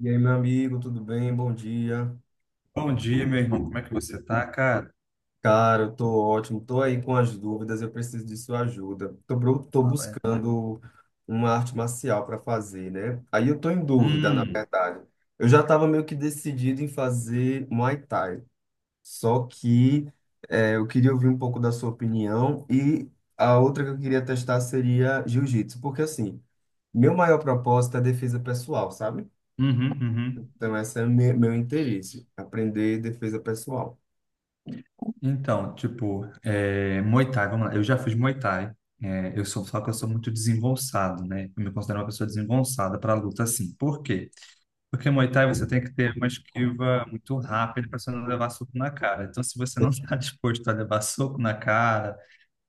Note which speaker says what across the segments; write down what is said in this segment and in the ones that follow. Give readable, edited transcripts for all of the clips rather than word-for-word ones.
Speaker 1: E aí, meu amigo, tudo bem? Bom dia.
Speaker 2: Bom dia, meu irmão. Como é que você tá, cara?
Speaker 1: Cara, eu tô ótimo. Tô aí com as dúvidas, eu preciso de sua ajuda. Tô
Speaker 2: Fala aí.
Speaker 1: buscando uma arte marcial para fazer, né? Aí eu tô em dúvida, na
Speaker 2: Hum.
Speaker 1: verdade. Eu já tava meio que decidido em fazer Muay Thai, só que eu queria ouvir um pouco da sua opinião e a outra que eu queria testar seria Jiu-Jitsu, porque assim, meu maior propósito é defesa pessoal, sabe?
Speaker 2: Uhum. Uhum.
Speaker 1: Então, esse é meu interesse, aprender defesa pessoal.
Speaker 2: Então, tipo, Muay Thai, vamos lá. Eu já fiz Muay Thai. Só que eu sou muito desengonçado, né? Eu me considero uma pessoa desengonçada para luta, assim. Por quê? Porque Muay Thai você tem que ter uma esquiva muito rápida para você não levar soco na cara. Então, se você não está disposto a levar soco na cara,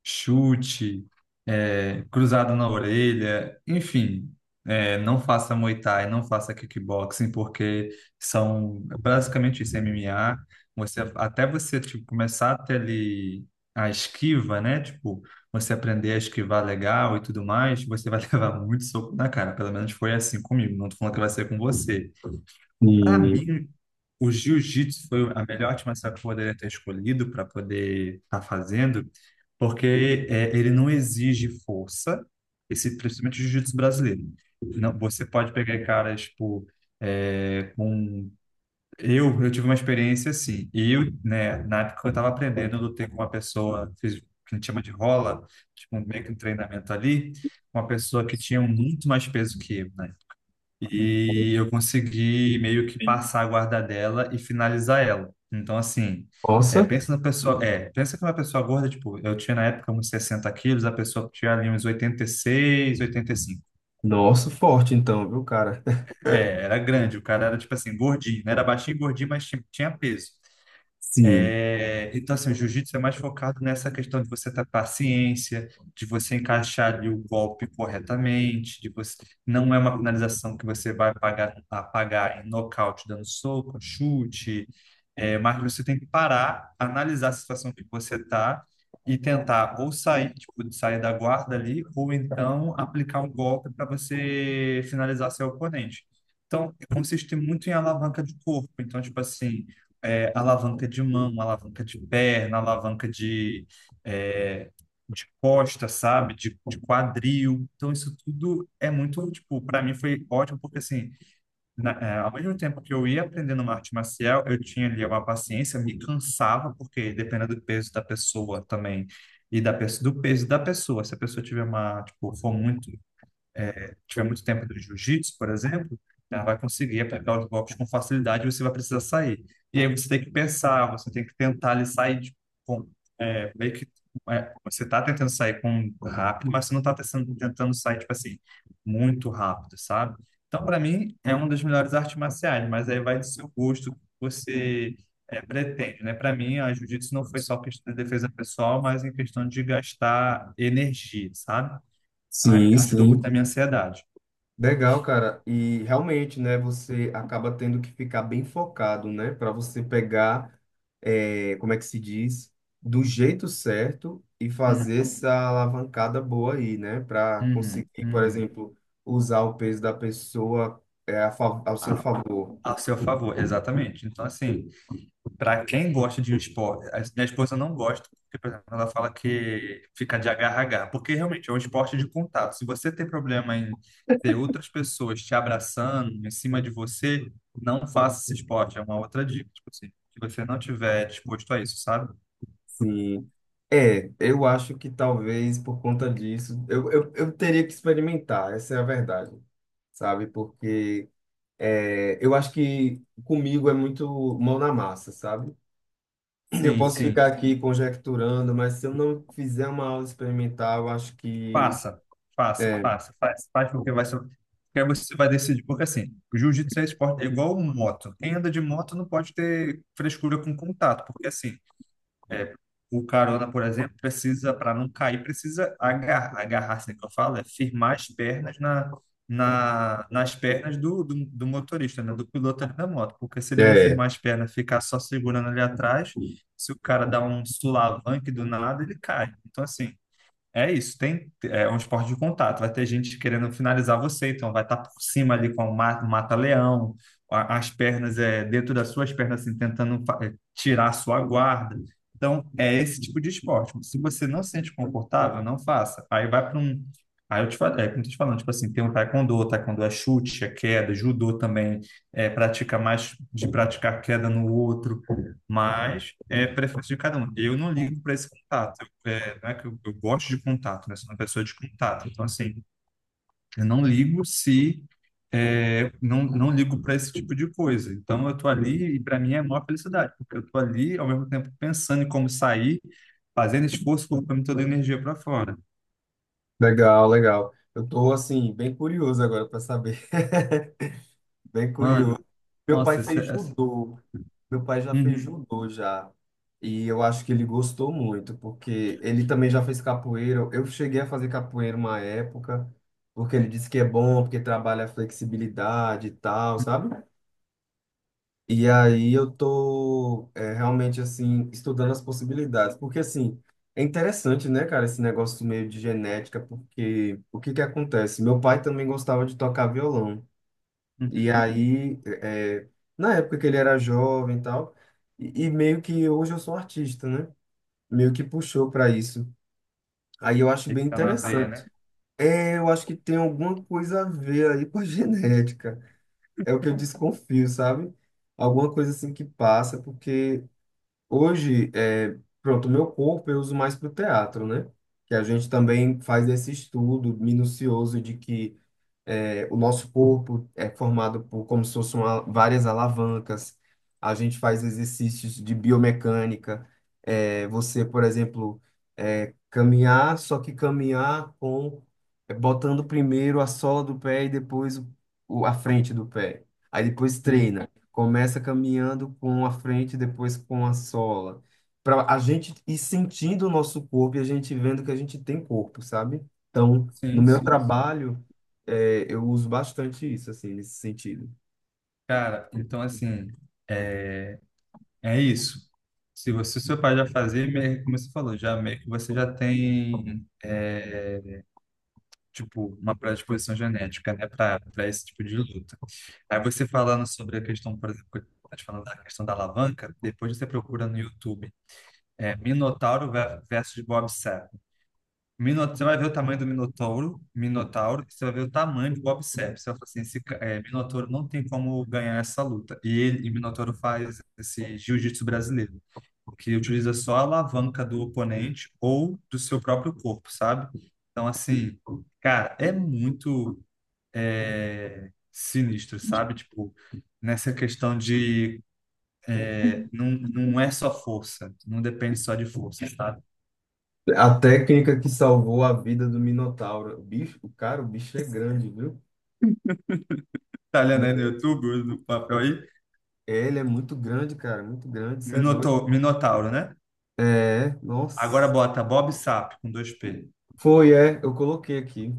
Speaker 2: chute, cruzado na orelha, enfim, não faça Muay Thai, não faça kickboxing, porque são basicamente isso, MMA. Até você tipo, começar a ter ali a esquiva, né? Tipo, você aprender a esquivar legal e tudo mais, você vai levar muito soco na cara. Pelo menos foi assim comigo. Não tô falando que vai ser com você. Para
Speaker 1: E,
Speaker 2: mim, o jiu-jitsu foi a melhor artimanha que eu poderia ter escolhido para poder estar fazendo, porque ele não exige força, principalmente o jiu-jitsu brasileiro. Não, você pode pegar caras, tipo, com... Eu tive uma experiência assim, e eu, né, na época eu estava aprendendo, eu lutei com uma pessoa, fiz o que a gente chama de rola, tipo, meio que um treinamento ali, uma pessoa que tinha muito mais peso que eu, né? E eu consegui meio que passar a guarda dela e finalizar ela. Então, assim,
Speaker 1: nossa,
Speaker 2: pensa na pessoa. Pensa que uma pessoa gorda, tipo, eu tinha na época uns 60 quilos, a pessoa tinha ali uns 86, 85.
Speaker 1: nossa, forte então, viu, cara?
Speaker 2: Era grande. O cara era, tipo assim, gordinho, né? Era baixinho e gordinho, mas tinha peso.
Speaker 1: Sim,
Speaker 2: Então, assim, o jiu-jitsu é mais focado nessa questão de você ter paciência, de você encaixar ali o golpe corretamente, de você não é uma finalização que você vai apagar em nocaute, dando soco, chute, mas você tem que parar, analisar a situação que você está e tentar ou sair, tipo, sair da guarda ali, ou então aplicar um golpe para você finalizar seu oponente. Então, consiste muito em alavanca de corpo. Então, tipo assim, alavanca de mão, alavanca de perna, é, de costa, sabe? De quadril. Então, isso tudo é muito, tipo, para mim foi ótimo, porque assim, ao mesmo tempo que eu ia aprendendo uma arte marcial, eu tinha ali uma paciência, me cansava, porque dependendo do peso da pessoa também. E do peso da pessoa. Se a pessoa tiver tipo, for muito tiver muito tempo do jiu-jitsu, por exemplo, ela vai conseguir aplicar os golpes com facilidade e você vai precisar sair. E aí você tem que pensar, você tem que tentar ali sair com, meio que você está tentando sair com rápido, mas você não está tentando sair, tipo assim, muito rápido, sabe? Então, para mim, é uma das melhores artes marciais, mas aí vai do seu gosto, que você pretende, né? Para mim, a jiu-jitsu não foi só questão de defesa pessoal, mas em questão de gastar energia, sabe?
Speaker 1: sim,
Speaker 2: Ajudou muito na
Speaker 1: sim.
Speaker 2: minha ansiedade.
Speaker 1: Legal, cara. E realmente, né, você acaba tendo que ficar bem focado, né, para você pegar, como é que se diz, do jeito certo e
Speaker 2: Hum.
Speaker 1: fazer essa alavancada boa aí, né, para conseguir,
Speaker 2: Uhum.
Speaker 1: por
Speaker 2: Uhum.
Speaker 1: exemplo, usar o peso da pessoa, ao seu
Speaker 2: A,
Speaker 1: favor.
Speaker 2: a seu favor, exatamente. Então, assim, para quem gosta de um esporte, a minha esposa não gosta, porque, por exemplo, ela fala que fica de agarrar, porque realmente é um esporte de contato. Se você tem problema em ter outras pessoas te abraçando em cima de você, não faça esse esporte. É uma outra dica, tipo assim, se você não tiver disposto a isso, sabe?
Speaker 1: Sim. É, eu acho que talvez por conta disso, eu teria que experimentar, essa é a verdade, sabe? Porque eu acho que comigo é muito mão na massa, sabe? Eu
Speaker 2: Sim,
Speaker 1: posso ficar
Speaker 2: sim.
Speaker 1: aqui conjecturando, mas se eu não fizer uma aula experimental, eu acho que.
Speaker 2: Faça, faça,
Speaker 1: É,
Speaker 2: faça, faz, faz, porque vai ser, porque aí você vai decidir, porque assim, o jiu-jitsu é esporte, é igual um moto. Quem anda de moto não pode ter frescura com contato, porque assim, é, o carona, por exemplo, precisa, para não cair, precisa agarrar, agarrar, assim que eu falo, é firmar as pernas nas pernas do motorista, né, do piloto ali da moto, porque se ele não
Speaker 1: é,
Speaker 2: firmar as pernas, ficar só segurando ali atrás, se o cara dá um sulavanque do nada, ele cai. Então, assim, é isso. Tem, é um esporte de contato. Vai ter gente querendo finalizar você, então vai estar por cima ali com o mata-leão, as pernas é dentro das suas pernas, assim, tentando tirar a sua guarda. Então, é esse tipo de esporte. Se você não se sente confortável, não faça. Aí vai para um. Aí eu te falo, como eu tô te falando, tipo assim, tem o taekwondo é chute, é queda, judô também, pratica mais de praticar queda no outro, mas é preferência de cada um. Eu não ligo para esse contato. Não é que eu, gosto de contato, né? Sou uma pessoa de contato. Então, assim, eu não ligo se. Não, não ligo para esse tipo de coisa. Então, eu tô ali e para mim é a maior felicidade, porque eu tô ali ao mesmo tempo pensando em como sair, fazendo esforço, colocando toda a energia para fora.
Speaker 1: legal, legal. Eu tô, assim, bem curioso agora para saber. Bem
Speaker 2: Mano,
Speaker 1: curioso. Meu pai
Speaker 2: nossa, essa,
Speaker 1: fez
Speaker 2: essa...
Speaker 1: judô. Meu pai já fez
Speaker 2: Uhum.
Speaker 1: judô já. E eu acho que ele gostou muito, porque ele também já fez capoeira. Eu cheguei a fazer capoeira uma época, porque ele disse que é bom, porque trabalha a flexibilidade e tal, sabe? E aí eu tô realmente assim estudando as possibilidades, porque assim, é interessante, né, cara, esse negócio meio de genética, porque o que que acontece? Meu pai também gostava de tocar violão. E
Speaker 2: Uhum.
Speaker 1: aí, é, na época que ele era jovem e tal, e meio que hoje eu sou um artista, né? Meio que puxou para isso. Aí eu acho
Speaker 2: Ele
Speaker 1: bem
Speaker 2: tá na veia,
Speaker 1: interessante.
Speaker 2: né?
Speaker 1: É, eu acho que tem alguma coisa a ver aí com a genética. É o que eu desconfio, sabe? Alguma coisa assim que passa, porque hoje, é, pronto, o meu corpo eu uso mais para o teatro, né? Que a gente também faz esse estudo minucioso de que o nosso corpo é formado por como se fossem várias alavancas. A gente faz exercícios de biomecânica. É, você, por exemplo, caminhar, só que caminhar com botando primeiro a sola do pé e depois a frente do pé. Aí depois
Speaker 2: Sim,
Speaker 1: treina. Começa caminhando com a frente, depois com a sola. Para a gente ir sentindo o nosso corpo e a gente vendo que a gente tem corpo, sabe? Então, no
Speaker 2: sim,
Speaker 1: meu
Speaker 2: sim.
Speaker 1: trabalho eu uso bastante isso, assim, nesse sentido.
Speaker 2: Cara, então assim, é isso. Se você, seu pai já fazia, como você falou, já meio que você já tem tipo, uma predisposição genética, né, para esse tipo de luta. Aí você falando sobre a questão, por exemplo, que eu tava te falando da questão da alavanca, depois você procura no YouTube, Minotauro versus Bob Sapp. Você vai ver o tamanho do Minotauro, e você vai ver o tamanho do Bob Sepp. Você vai falar assim, esse Minotauro não tem como ganhar essa luta. E ele, e Minotauro faz esse jiu-jitsu brasileiro, porque utiliza só a alavanca do oponente ou do seu próprio corpo, sabe? Então, assim, cara, é muito sinistro, sabe? Tipo, nessa questão de não, não é só força, não depende só de força, sabe?
Speaker 1: A técnica que salvou a vida do Minotauro. O bicho, o cara, o bicho é grande, viu?
Speaker 2: Tá olhando aí no YouTube, no papel aí?
Speaker 1: Ele é muito grande, cara, muito grande, isso é doido.
Speaker 2: Minotauro, né?
Speaker 1: É,
Speaker 2: Agora
Speaker 1: nossa.
Speaker 2: bota Bob Sapp com dois p.
Speaker 1: Foi, é, eu coloquei aqui.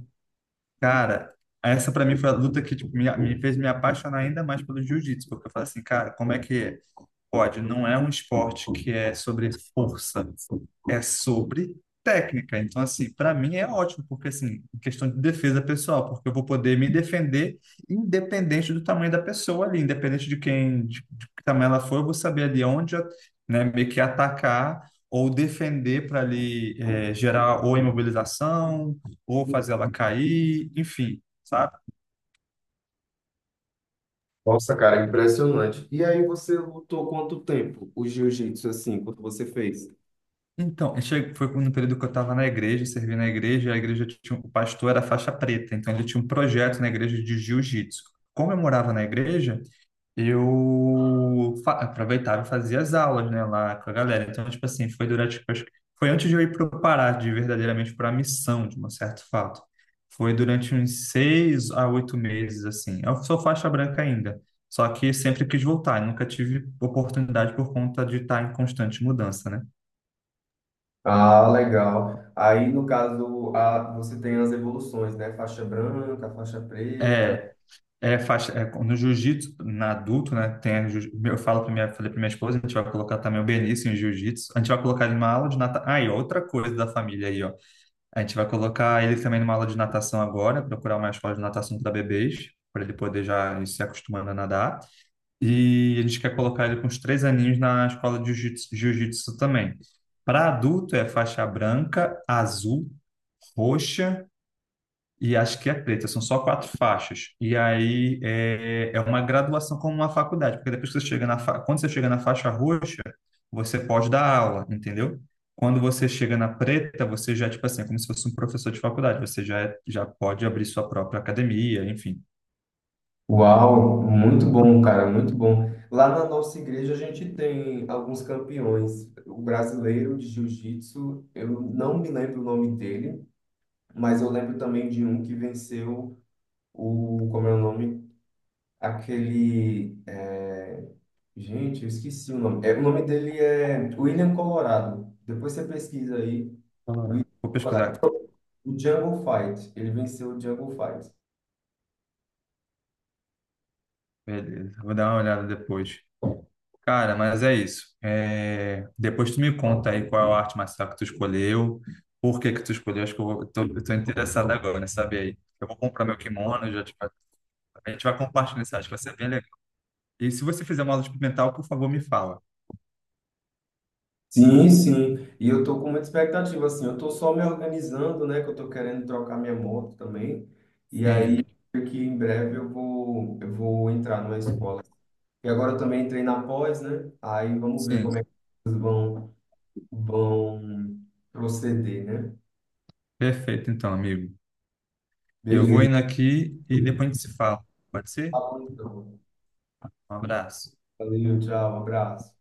Speaker 2: Cara, essa pra mim foi a luta que, tipo, me fez me apaixonar ainda mais pelo jiu-jitsu, porque eu falei assim, cara, como é que é? Pode, não é um esporte que é sobre força, é sobre técnica. Então, assim, para mim é ótimo, porque, assim, em questão de defesa pessoal, porque eu vou poder me defender independente do tamanho da pessoa ali, independente de quem, de que tamanho ela for, eu vou saber ali onde, né, meio que atacar ou defender para ali gerar ou imobilização, ou fazer ela cair, enfim, sabe?
Speaker 1: Nossa, cara, impressionante. E aí você lutou quanto tempo o jiu-jitsu, assim, quando você fez?
Speaker 2: Então, foi no período que eu estava na igreja, servi na igreja, e a igreja tinha, o pastor era faixa preta, então ele tinha um projeto na igreja de jiu-jitsu. Como eu morava na igreja, eu aproveitava e fazia as aulas, né, lá com a galera. Então, tipo assim, foi durante, tipo, acho que foi antes de eu ir para o Pará, de verdadeiramente para a missão, de um certo fato. Foi durante uns 6 a 8 meses, assim. Eu sou faixa branca ainda, só que sempre quis voltar, nunca tive oportunidade por conta de estar em constante mudança, né?
Speaker 1: Ah, legal. Aí, no caso, a, você tem as evoluções, né? Faixa branca, faixa preta.
Speaker 2: É. Faixa, no jiu-jitsu, na adulto, né? Tem, a jiu- eu falo para minha, falei para minha esposa, a gente vai colocar também o Benício em jiu-jitsu. A gente vai colocar ele numa aula de natação. Ah, e outra coisa da família aí, ó. A gente vai colocar ele também numa aula de natação agora, procurar uma escola de natação para bebês, para ele poder já ir se acostumando a nadar. E a gente quer colocar ele com uns 3 aninhos na escola de jiu-jitsu também. Para adulto é faixa branca, azul, roxa e acho que é preta, são só quatro faixas. E aí é uma graduação como uma faculdade, porque depois que você chega quando você chega na faixa roxa, você pode dar aula, entendeu? Quando você chega na preta, você já, tipo assim, é como se fosse um professor de faculdade, já pode abrir sua própria academia, enfim.
Speaker 1: Uau, muito bom, cara, muito bom. Lá na nossa igreja a gente tem alguns campeões. O brasileiro de jiu-jitsu, eu não me lembro o nome dele, mas eu lembro também de um que venceu o, como é o nome? Aquele, é, gente, eu esqueci o nome. É, o nome dele é William Colorado. Depois você pesquisa aí, William
Speaker 2: Colorado. Vou
Speaker 1: Colorado.
Speaker 2: pesquisar.
Speaker 1: O Jungle Fight, ele venceu o Jungle Fight.
Speaker 2: Beleza, vou dar uma olhada depois. Cara, mas é isso. Depois tu me conta aí qual é a arte marcial que tu escolheu, por que que tu escolheu. Acho que eu tô interessado agora, né? Saber aí. Eu vou comprar meu kimono, já te... a gente vai compartilhar isso, acho que vai ser bem legal. E se você fizer uma aula experimental, por favor, me fala.
Speaker 1: Sim, sim. E eu tô com muita expectativa, assim. Eu tô só me organizando, né? Que eu tô querendo trocar minha moto também. E aí,
Speaker 2: Sim,
Speaker 1: creio que em breve eu vou entrar numa escola. E agora eu também entrei na pós, né? Aí vamos ver como
Speaker 2: sim.
Speaker 1: é que eles vão, vão proceder, né?
Speaker 2: Perfeito, então, amigo. Eu vou
Speaker 1: Beleza.
Speaker 2: indo aqui e depois a gente se fala. Pode ser?
Speaker 1: Tá bom, então.
Speaker 2: Um abraço.
Speaker 1: Valeu, tchau, abraço.